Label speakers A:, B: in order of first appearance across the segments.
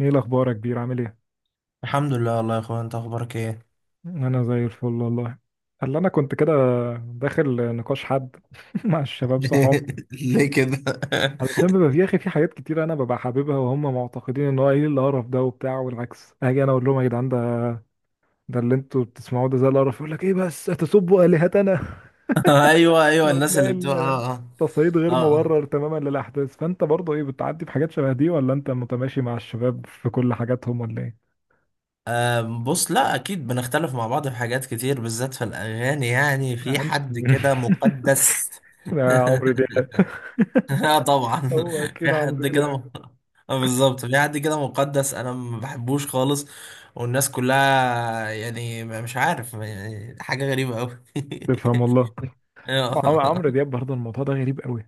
A: ايه الاخبار يا كبير؟ عامل ايه؟
B: الحمد لله والله يا اخويا، انت اخبارك ايه؟
A: انا زي الفل والله. قال انا كنت كده داخل نقاش حد مع الشباب صحابي.
B: ليه كده؟
A: علشان بيبقى في يا اخي، في حاجات كتير انا ببقى حاببها وهم معتقدين ان هو ايه القرف ده وبتاع، والعكس اجي انا اقول لهم يا جدعان، ده اللي انتوا بتسمعوه ده زي القرف، يقول لك ايه بس تسبوا الهتنا.
B: ايوه ايوه، الناس
A: وتلاقي
B: اللي بتوع
A: التصعيد غير
B: اه
A: مبرر تماما للاحداث. فانت برضه ايه، بتعدي بحاجات شبه دي ولا انت متماشي مع الشباب في كل حاجاتهم ولا ايه؟
B: اه. بص، لا اكيد بنختلف مع بعض في حاجات كتير، بالذات في الاغاني. يعني في
A: انت
B: حد كده مقدس.
A: يا عمرو دياب.
B: اه طبعا.
A: هو
B: في
A: كده عمرو
B: حد كده
A: دياب؟
B: آه بالظبط، في حد كده مقدس انا ما بحبوش خالص. والناس كلها يعني مش عارف، يعني حاجة غريبة قوي.
A: تفهم والله. عمرو
B: اه.
A: دياب برضه الموضوع ده غريب قوي.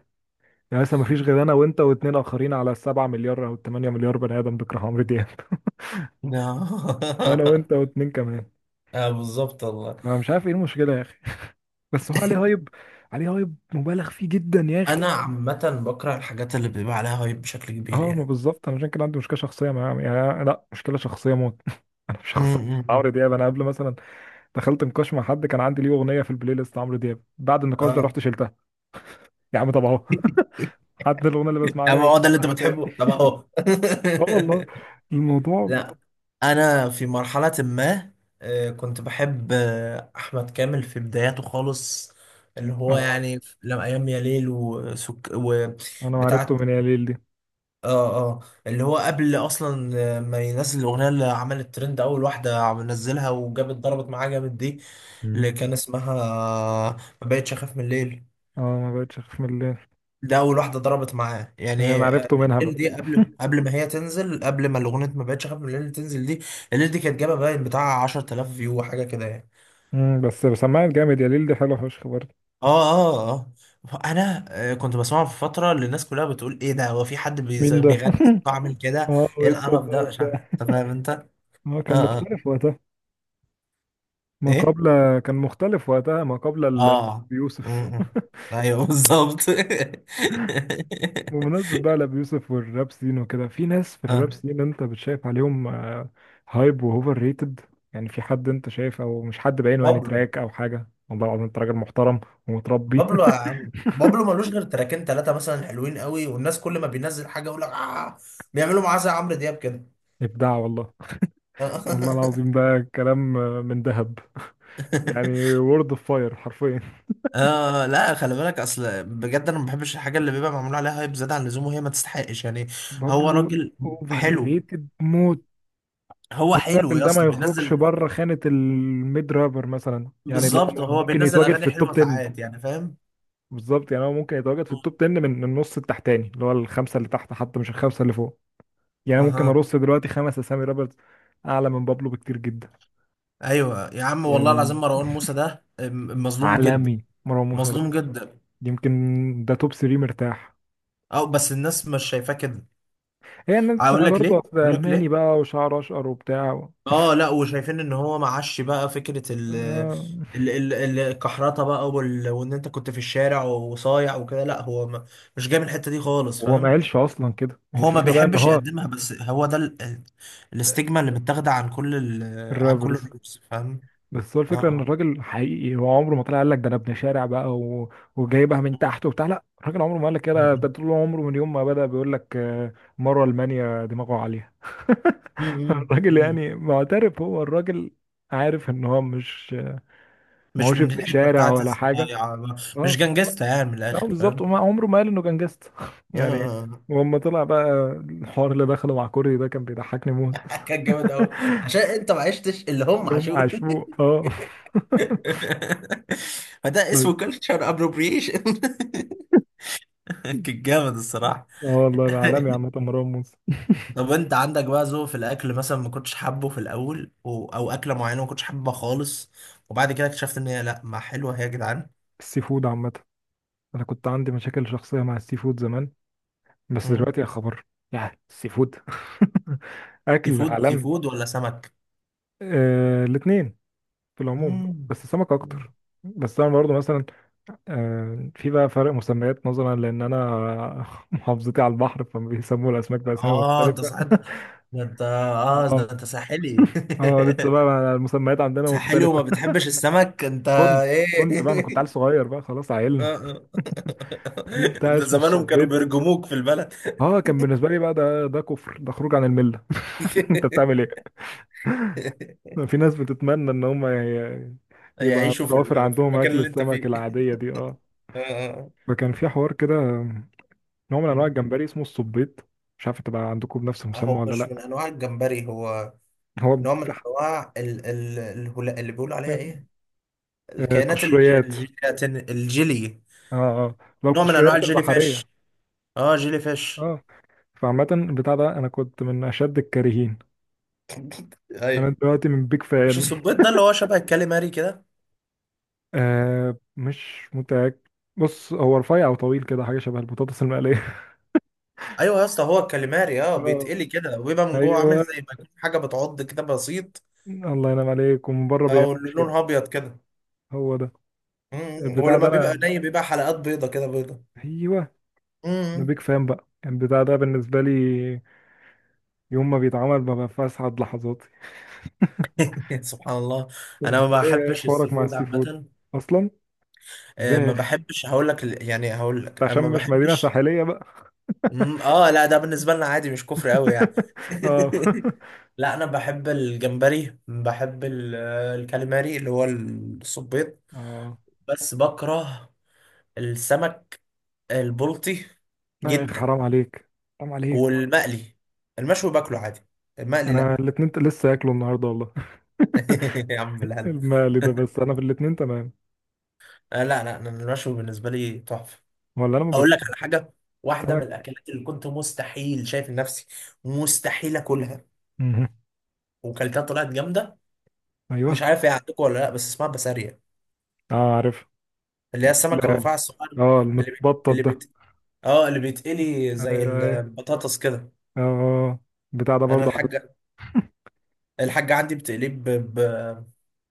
A: يعني مثلا ما فيش غير انا وانت واتنين اخرين على السبعة مليار او التمانية مليار بني ادم بيكره عمرو دياب. انا وانت واتنين كمان.
B: اه بالظبط والله.
A: انا مش عارف ايه المشكلة يا اخي، بس هو عليه هايب، عليه هايب مبالغ فيه جدا يا
B: انا
A: اخي.
B: عامه بكره الحاجات اللي بيبقى عليها هايب بشكل كبير
A: اه، ما
B: يعني.
A: بالظبط. انا عشان كده عندي مشكلة شخصية مع، يعني لا مشكلة شخصية موت. انا مش شخصية مع عمرو
B: امم.
A: دياب. انا قبل مثلا دخلت نقاش مع حد، كان عندي ليه اغنية في البلاي ليست عمرو دياب، بعد النقاش ده
B: اه.
A: رحت شلتها. يا عم طب اهو. حتى الاغنية اللي بسمعها له
B: اما
A: مش
B: هو ده اللي انت
A: سامعها تاني.
B: بتحبه، طب اهو.
A: اه والله. الموضوع
B: لا انا في مرحله ما، كنت بحب احمد كامل في بداياته خالص. اللي هو
A: اه.
B: يعني لما ايام يا ليل
A: انا عرفته
B: وبتاعه.
A: من ياليل دي.
B: اه اللي هو قبل اصلا ما ينزل الاغنيه اللي عملت ترند، اول واحده نزلها وجابت ضربت معاه جامد دي، اللي
A: مم.
B: كان اسمها ما بقتش اخاف من الليل.
A: اه، ما بقتش اخاف من الليل.
B: ده اول واحده ضربت معاه
A: هي
B: يعني،
A: انا عرفته منها
B: الليل
A: بقى.
B: دي، قبل ما هي تنزل، قبل ما الاغنيه ما بقتش اخاف من الليل تنزل دي. الليل دي كانت جابه باين بتاع 10,000 فيو وحاجه كده يعني.
A: امم، بس سماعة جامد، ياليل دي حلوه فشخ برضه.
B: اه انا كنت بسمعه في فتره اللي الناس كلها بتقول ايه ده، هو في حد
A: مين ده؟
B: بيغني صوته عامل كده،
A: اه،
B: ايه
A: وايه الصوت
B: القرف
A: ده
B: ده، مش عارف،
A: وبتاع.
B: انت فاهم انت.
A: اه كان
B: اه اه.
A: مختلف وقتها ما
B: ايه.
A: قبل. كان مختلف وقتها ما قبل
B: اه.
A: بيوسف.
B: امم. ايوه بالظبط.
A: بمناسبة بقى لأبي يوسف والراب سين وكده، في ناس في الراب
B: اه.
A: سين انت بتشايف عليهم هايب واوفر ريتد؟ يعني في حد انت شايف، او مش حد بعينه، يعني
B: بابلو.
A: تراك او حاجة، والله العظيم انت راجل محترم ومتربي.
B: بابلو يا عم، بابلو ملوش غير تراكين ثلاثة مثلا حلوين قوي، والناس كل ما بينزل حاجة يقول لك آه، بيعملوا معاه زي عمرو دياب كده.
A: ابداع والله. والله العظيم ده كلام من ذهب. يعني وورد اوف فاير حرفيا.
B: اه لا، خلي بالك، اصل بجد انا ما بحبش الحاجه اللي بيبقى معمول عليها هايب زياده عن اللزوم وهي ما تستحقش يعني. هو
A: بابلو
B: راجل
A: اوفر
B: حلو.
A: ريتد موت.
B: هو حلو
A: الراجل
B: يا
A: ده ما
B: اسطى،
A: يخرجش
B: بينزل.
A: بره خانة الميد رابر مثلا، يعني اللي هو
B: بالظبط، هو
A: ممكن
B: بينزل
A: يتواجد في
B: اغاني
A: التوب
B: حلوه
A: 10.
B: ساعات يعني، فاهم.
A: بالظبط، يعني هو ممكن يتواجد في التوب 10 من النص التحتاني، اللي هو الخمسة اللي تحت، حتى مش الخمسة اللي فوق. يعني ممكن
B: اها.
A: ارص دلوقتي خمس اسامي رابرز اعلى من بابلو بكتير جدا.
B: ايوه يا عم، والله
A: يعني
B: العظيم مروان موسى ده مظلوم جدا.
A: عالمي مروان موسى ده.
B: مظلوم جدا.
A: يمكن ده توب 3 مرتاح.
B: اه بس الناس مش شايفاه كده.
A: هي الناس
B: اقول لك
A: برضه
B: ليه،
A: أصل
B: اقول لك
A: ألماني
B: ليه.
A: بقى وشعر أشقر وبتاع و...
B: اه لا، وشايفين ان هو معاش بقى فكره
A: آه،
B: ال- ال- الكحرطه بقى وال... وان انت كنت في الشارع وصايع وكده، لا هو ما... مش جاي من الحته دي خالص،
A: هو ما
B: فاهم.
A: قالش أصلا كده. هي
B: هو ما
A: الفكرة بقى إن
B: بيحبش
A: هو
B: يقدمها، بس هو ده الاستجمة اللي متاخده عن كل ال... عن كل
A: الرابرز.
B: الرقص، فاهم.
A: بس هو
B: اه
A: الفكرة إن
B: اه
A: الراجل حقيقي، هو عمره ما طلع قال لك ده أنا ابن شارع بقى و... وجايبها من تحت وبتاع. لا، الراجل عمره ما قال لك كده. ده
B: م-
A: طول عمره من يوم ما بدأ بيقول لك مرة ألمانيا، دماغه عالية.
B: م- م- م-
A: الراجل
B: م-
A: يعني معترف، هو الراجل عارف إن هو مش، ما
B: مش
A: هوش
B: من
A: ابن
B: الحته
A: شارع
B: بتاعت
A: ولا حاجة.
B: الصياعه. مش
A: اه
B: جنجستا يعني، من
A: اه
B: الاخر،
A: بالظبط.
B: فاهم.
A: وما عمره ما قال انه كان جاست. يعني.
B: مم.
A: ولما طلع بقى الحوار اللي دخله مع كوري ده كان بيضحكني موت.
B: كان جامد قوي. عشان انت ما عشتش اللي هم
A: اللي هم
B: عاشوه.
A: عاشوه اه.
B: فده اسمه
A: طيب.
B: كلتشر ابروبريشن. كان جامد الصراحه.
A: اه والله، انا عالمي عامة مروان موسى.
B: طب انت عندك بقى ذوق في الاكل مثلا ما كنتش حابه في الاول و... او اكله معينه ما كنتش حابها خالص وبعد كده اكتشفت ان هي لا ما حلوه هي يا جدعان؟
A: السي فود عامة، انا كنت عندي مشاكل شخصية مع السي فود زمان، بس
B: مم.
A: دلوقتي يا خبر، يا السي فود.
B: سي
A: اكل
B: فود سي
A: عالمي.
B: فود ولا سمك؟
A: آه، الاتنين في العموم،
B: مم.
A: بس السمك اكتر. بس انا برضه مثلا في بقى فرق مسميات نظرا لان انا محافظتي على البحر، فبيسموا الاسماك باسامي
B: اه انت
A: مختلفه.
B: صحيت ده، انت اه
A: اه.
B: ده انت ساحلي.
A: اه لسه بقى المسميات عندنا
B: ساحلي
A: مختلفه.
B: وما بتحبش السمك انت؟
A: كنت. كنت بقى انا كنت عيل
B: ايه؟
A: صغير بقى، خلاص
B: آه،
A: عيلنا
B: آه.
A: في بتاع
B: ده
A: اسمه
B: زمانهم كانوا
A: الصبيط.
B: بيرجموك في البلد.
A: اه كان بالنسبه لي بقى ده كفر، ده خروج عن المله. انت بتعمل ايه؟ في ناس بتتمنى ان هم يبقى
B: يعيشوا في
A: متوفر
B: في
A: عندهم
B: المكان
A: اكل
B: اللي انت
A: السمك
B: فيه.
A: العاديه دي اه.
B: آه، آه.
A: فكان في حوار كده، نوع من انواع
B: اه.
A: الجمبري اسمه الصبيط، مش عارف تبقى عندكم بنفس المسمى
B: هو
A: ولا
B: مش
A: لا.
B: من انواع الجمبري، هو
A: هو
B: نوع من
A: بتاع-
B: انواع ال ال اللي بيقولوا عليها ايه، الكائنات
A: قشريات.
B: الجيلاتين، الجيلي.
A: اه. اه، لو
B: نوع من انواع
A: القشريات
B: الجيلي فيش.
A: البحرية.
B: اه جيلي فيش.
A: اه، فعامة البتاع ده انا كنت من اشد الكارهين. انا
B: ايوه.
A: دلوقتي من بيك
B: مش
A: فان.
B: السبيط ده اللي هو شبه الكاليماري كده؟
A: آه مش متأكد. بص، هو رفيع او طويل كده، حاجة شبه البطاطس المقلية.
B: ايوه يا اسطى، هو الكاليماري. اه
A: اه،
B: بيتقلي كده وبيبقى من جوه
A: ايوه،
B: عامل زي ما يكون حاجه بتعض كده بسيط.
A: الله ينعم عليك، ومن بره
B: او اللي
A: بيقفش كده.
B: لونها ابيض كده.
A: هو ده.
B: امم. هو
A: البتاع
B: لما
A: ده
B: بيبقى
A: انا،
B: ني بيبقى حلقات بيضه كده، بيضه.
A: ايوه، انا
B: امم.
A: بيك فان بقى. البتاع ده بالنسبة لي يوم ما بيتعمل ببقى في اسعد لحظاتي.
B: سبحان الله. انا
A: انت
B: ما
A: ايه، إيه
B: بحبش السي
A: حوارك مع
B: فود
A: السي فود
B: عامه.
A: اصلا؟
B: ما
A: ازاي؟
B: بحبش، هقول لك يعني هقول لك، انا
A: عشان
B: ما
A: مش مدينة
B: بحبش.
A: ساحلية بقى.
B: اه لا ده بالنسبه لنا عادي، مش كفر قوي يعني.
A: اه.
B: لا انا بحب الجمبري، بحب الكاليماري اللي هو السبيط.
A: اه،
B: بس بكره السمك. البلطي
A: لا يا اخي
B: جدا.
A: حرام عليك، حرام عليك.
B: والمقلي. المشوي باكله عادي، المقلي
A: انا
B: لا.
A: الاتنين لسه هاكله النهارده والله.
B: يا عم بالهنا.
A: المقلي ده، بس انا في الاتنين تمام.
B: لا لا، أنا المشوي بالنسبه لي تحفه.
A: ولا انا ما
B: اقول لك
A: باكل
B: على حاجه، واحده من
A: سمك.
B: الاكلات اللي كنت مستحيل شايف نفسي مستحيل اكلها
A: مهم.
B: وكلتها طلعت جامده.
A: ايوه.
B: مش عارف هي عندكم ولا لا، بس اسمها بسارية،
A: اه عارف.
B: اللي هي السمك
A: لا.
B: الرفاع الصغير،
A: اه
B: اللي بي...
A: المتبطط
B: اللي
A: ده.
B: بيت... اه اللي بيتقلي زي
A: ايوه ايوه.
B: البطاطس كده.
A: اه آه. آه. بتاع ده
B: انا
A: برضه عارف.
B: الحاجه، الحاجه عندي بتقليه ب...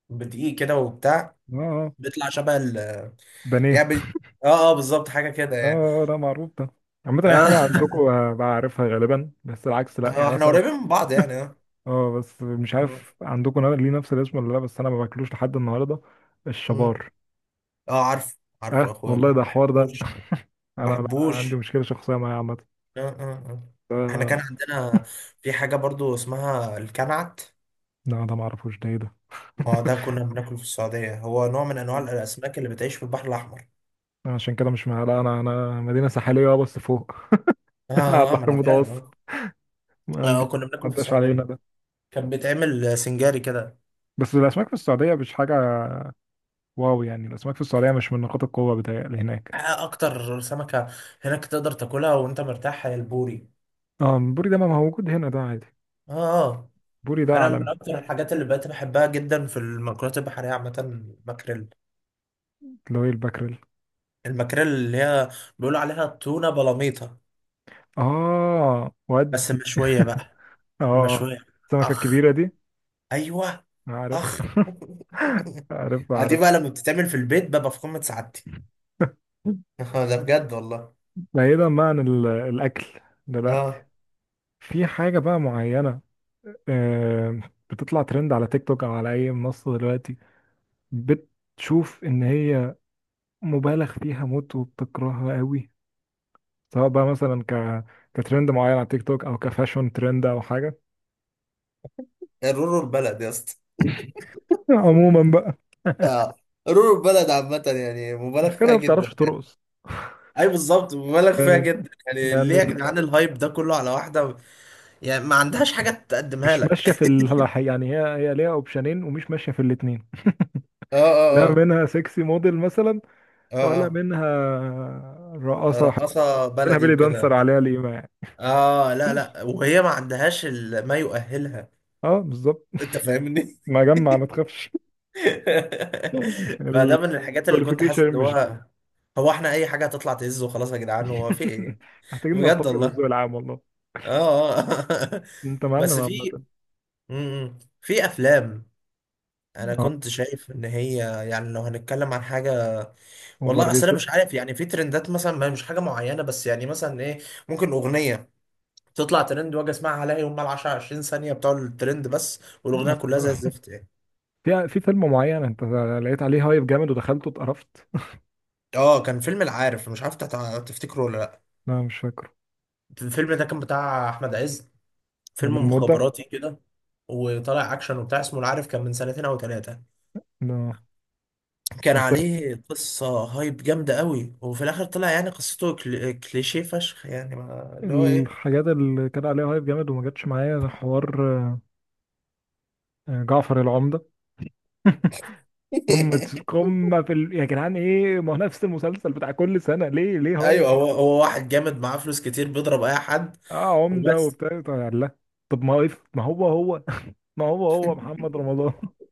B: بدقيق كده وبتاع،
A: اه آه.
B: بيطلع شبه ال،
A: بانيه.
B: يعني اه بالظبط حاجه كده يعني.
A: اه ده معروف ده. عامة أي
B: اه.
A: حاجة عندكم بعرفها غالبا، بس العكس لأ يعني
B: احنا
A: مثلا.
B: قريبين من بعض يعني، اه.
A: اه، بس مش
B: مم.
A: عارف عندكم ليه نفس الاسم ولا لا، بس انا ما باكلوش لحد النهارده،
B: مم.
A: الشبار.
B: اه عارف عارف
A: اه
B: يا اخويا، ما
A: والله ده حوار ده.
B: بحبوش. ما
A: انا لا عندي
B: بحبوش.
A: مشكله شخصيه معاه عامه.
B: اه اه اه احنا كان عندنا في حاجه برضو اسمها الكنعت.
A: لا ده ما اعرفوش، ده ايه ده؟
B: ما هو ده كنا بناكله في السعوديه، هو نوع من انواع
A: لا،
B: الاسماك اللي بتعيش في البحر الاحمر.
A: أنا عشان كده مش مع، لا انا انا مدينه ساحليه اه بس فوق.
B: اه
A: على
B: اه
A: البحر
B: ما انا فاهم،
A: المتوسط.
B: اه.
A: ما عندي، ما
B: كنا بناكله في
A: عداش علينا
B: السعوديه،
A: ده.
B: كان بيتعمل سنجاري كده.
A: بس الاسماك في السعوديه مش حاجه. واو، يعني الاسماك في السعوديه مش من نقاط القوه بتاعي هناك.
B: اكتر سمكه هناك تقدر تاكلها وانت مرتاح هي البوري.
A: اه البوري ده ما هو موجود هنا ده عادي.
B: اه آه.
A: البوري ده
B: انا
A: عالمي.
B: من اكتر الحاجات اللي بقيت بحبها جدا في المأكولات البحريه عامه الماكريل.
A: اللي هو الباكريل.
B: الماكريل اللي هي بيقولوا عليها تونه بلاميطه،
A: اه
B: بس
A: ودي.
B: مشويه بقى.
A: اه،
B: المشويه.
A: السمكه
B: اخ.
A: الكبيره دي.
B: ايوه.
A: عارف.
B: اخ.
A: عارف
B: دي
A: عارف.
B: بقى لما بتتعمل في البيت ببقى في قمه سعادتي. ده بجد والله.
A: بعيدا بقى عن الاكل دلوقتي،
B: اه.
A: في حاجه بقى معينه آه، بتطلع ترند على تيك توك او على اي منصه دلوقتي، بتشوف ان هي مبالغ فيها موت وبتكرهها قوي؟ سواء بقى مثلا كترند معين على تيك توك، او كفاشون ترند، او حاجه
B: رورو البلد يا اسطى.
A: عموما بقى.
B: اه، رور البلد عامة يعني مبالغ
A: مش كده،
B: فيها
A: ما
B: جدا.
A: بتعرفش ترقص.
B: اي بالظبط، مبالغ فيها
A: يعني،
B: جدا. يعني ليه
A: يعني
B: يا جدعان الهايب ده كله على واحده يعني ما عندهاش حاجه تقدمها
A: مش ماشيه
B: لك؟
A: في ال... يعني هي، هي ليها اوبشنين ومش ماشيه في الاثنين.
B: اه
A: لا
B: اه اه
A: منها سexy موديل مثلا، ولا
B: اه
A: منها
B: اه
A: رقاصة حتى،
B: رقاصة
A: منها
B: بلدي
A: بيلي
B: وكده.
A: دانسر عليها القيمة يعني.
B: اه لا
A: مفيش.
B: لا، وهي ما عندهاش ما يؤهلها.
A: اه بالظبط.
B: انت فاهمني.
A: ما جمع ما تخافش.
B: فده من الحاجات اللي كنت حاسس
A: الكواليفيكيشن
B: ان
A: مش.
B: هو، هو احنا اي حاجة هتطلع تهز وخلاص يا جدعان، هو في ايه؟
A: محتاجين
B: بجد
A: نرتقي بالذوق
B: والله.
A: العام والله.
B: اه
A: انت معلم
B: بس في،
A: عامة.
B: مم. في افلام، انا كنت شايف ان هي، يعني لو هنتكلم عن حاجة.
A: اوفر
B: والله اصل انا مش
A: ريتد.
B: عارف، يعني في ترندات مثلا ما هي مش حاجة معينة بس، يعني مثلا ايه، ممكن اغنية تطلع ترند واجي اسمعها الاقي هم ال 10 20 ثانيه بتوع الترند بس والاغنيه كلها زي الزفت يعني.
A: في فيلم معين انت لقيت عليه هايب جامد ودخلته اتقرفت؟
B: اه كان فيلم العارف، مش عارف تفتكره ولا لا.
A: لا مش فاكره.
B: الفيلم ده كان بتاع احمد عز،
A: ده من
B: فيلم
A: مدة.
B: مخابراتي كده وطالع اكشن وبتاع اسمه العارف، كان من سنتين او ثلاثه.
A: لا.
B: كان عليه قصه هايب جامده قوي وفي الاخر طلع يعني قصته كليشيه فشخ يعني، ما... اللي هو ايه.
A: الحاجات اللي كان عليها هايب جامد وما جاتش معايا ده حوار. جعفر العمدة. قمة قمة في ال... يا جدعان ايه، ما هو نفس المسلسل بتاع كل سنة، ليه ليه
B: ايوه،
A: هايب؟
B: هو هو واحد جامد معاه فلوس كتير بيضرب اي حد
A: اه عمدة
B: وبس
A: وبتاع طب لا. طب ما هو ما هو هو، ما هو هو محمد رمضان.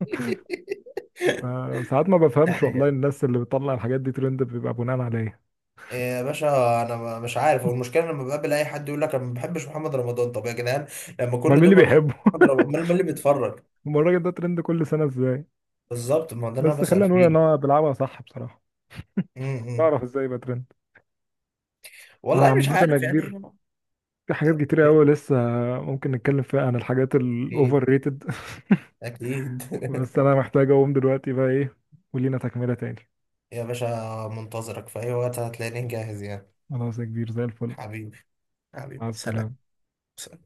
A: ساعات ما بفهمش والله.
B: ده.
A: الناس اللي بتطلع الحاجات دي ترند بيبقى بناء على ايه؟
B: إيه يا باشا. انا مش عارف، والمشكله لما بقابل اي حد يقول لك انا ما بحبش محمد رمضان، طب يا جدعان لما
A: امال
B: كل
A: مين
B: دول
A: اللي
B: ما بيحبوا
A: بيحبه؟
B: محمد رمضان، امال مين اللي بيتفرج؟
A: امال الراجل ده ترند كل سنة ازاي؟
B: بالظبط، ما ده اللي انا
A: بس
B: بسال
A: خلينا نقول ان
B: فيه.
A: هو بيلعبها صح بصراحة،
B: امم.
A: بعرف ازاي يبقى ترند.
B: والله مش
A: عامة يا
B: عارف يعني.
A: كبير، في حاجات كتير قوي لسه ممكن نتكلم فيها عن الحاجات
B: اكيد.
A: الاوفر ريتد.
B: اكيد.
A: بس انا محتاج اقوم دلوقتي بقى ايه، ولينا تكملة تاني.
B: يا باشا، منتظرك في اي وقت، هتلاقيني جاهز يعني.
A: خلاص يا كبير، زي الفل.
B: حبيبي. حبيبي
A: مع
B: سلام.
A: السلامة.
B: سلام.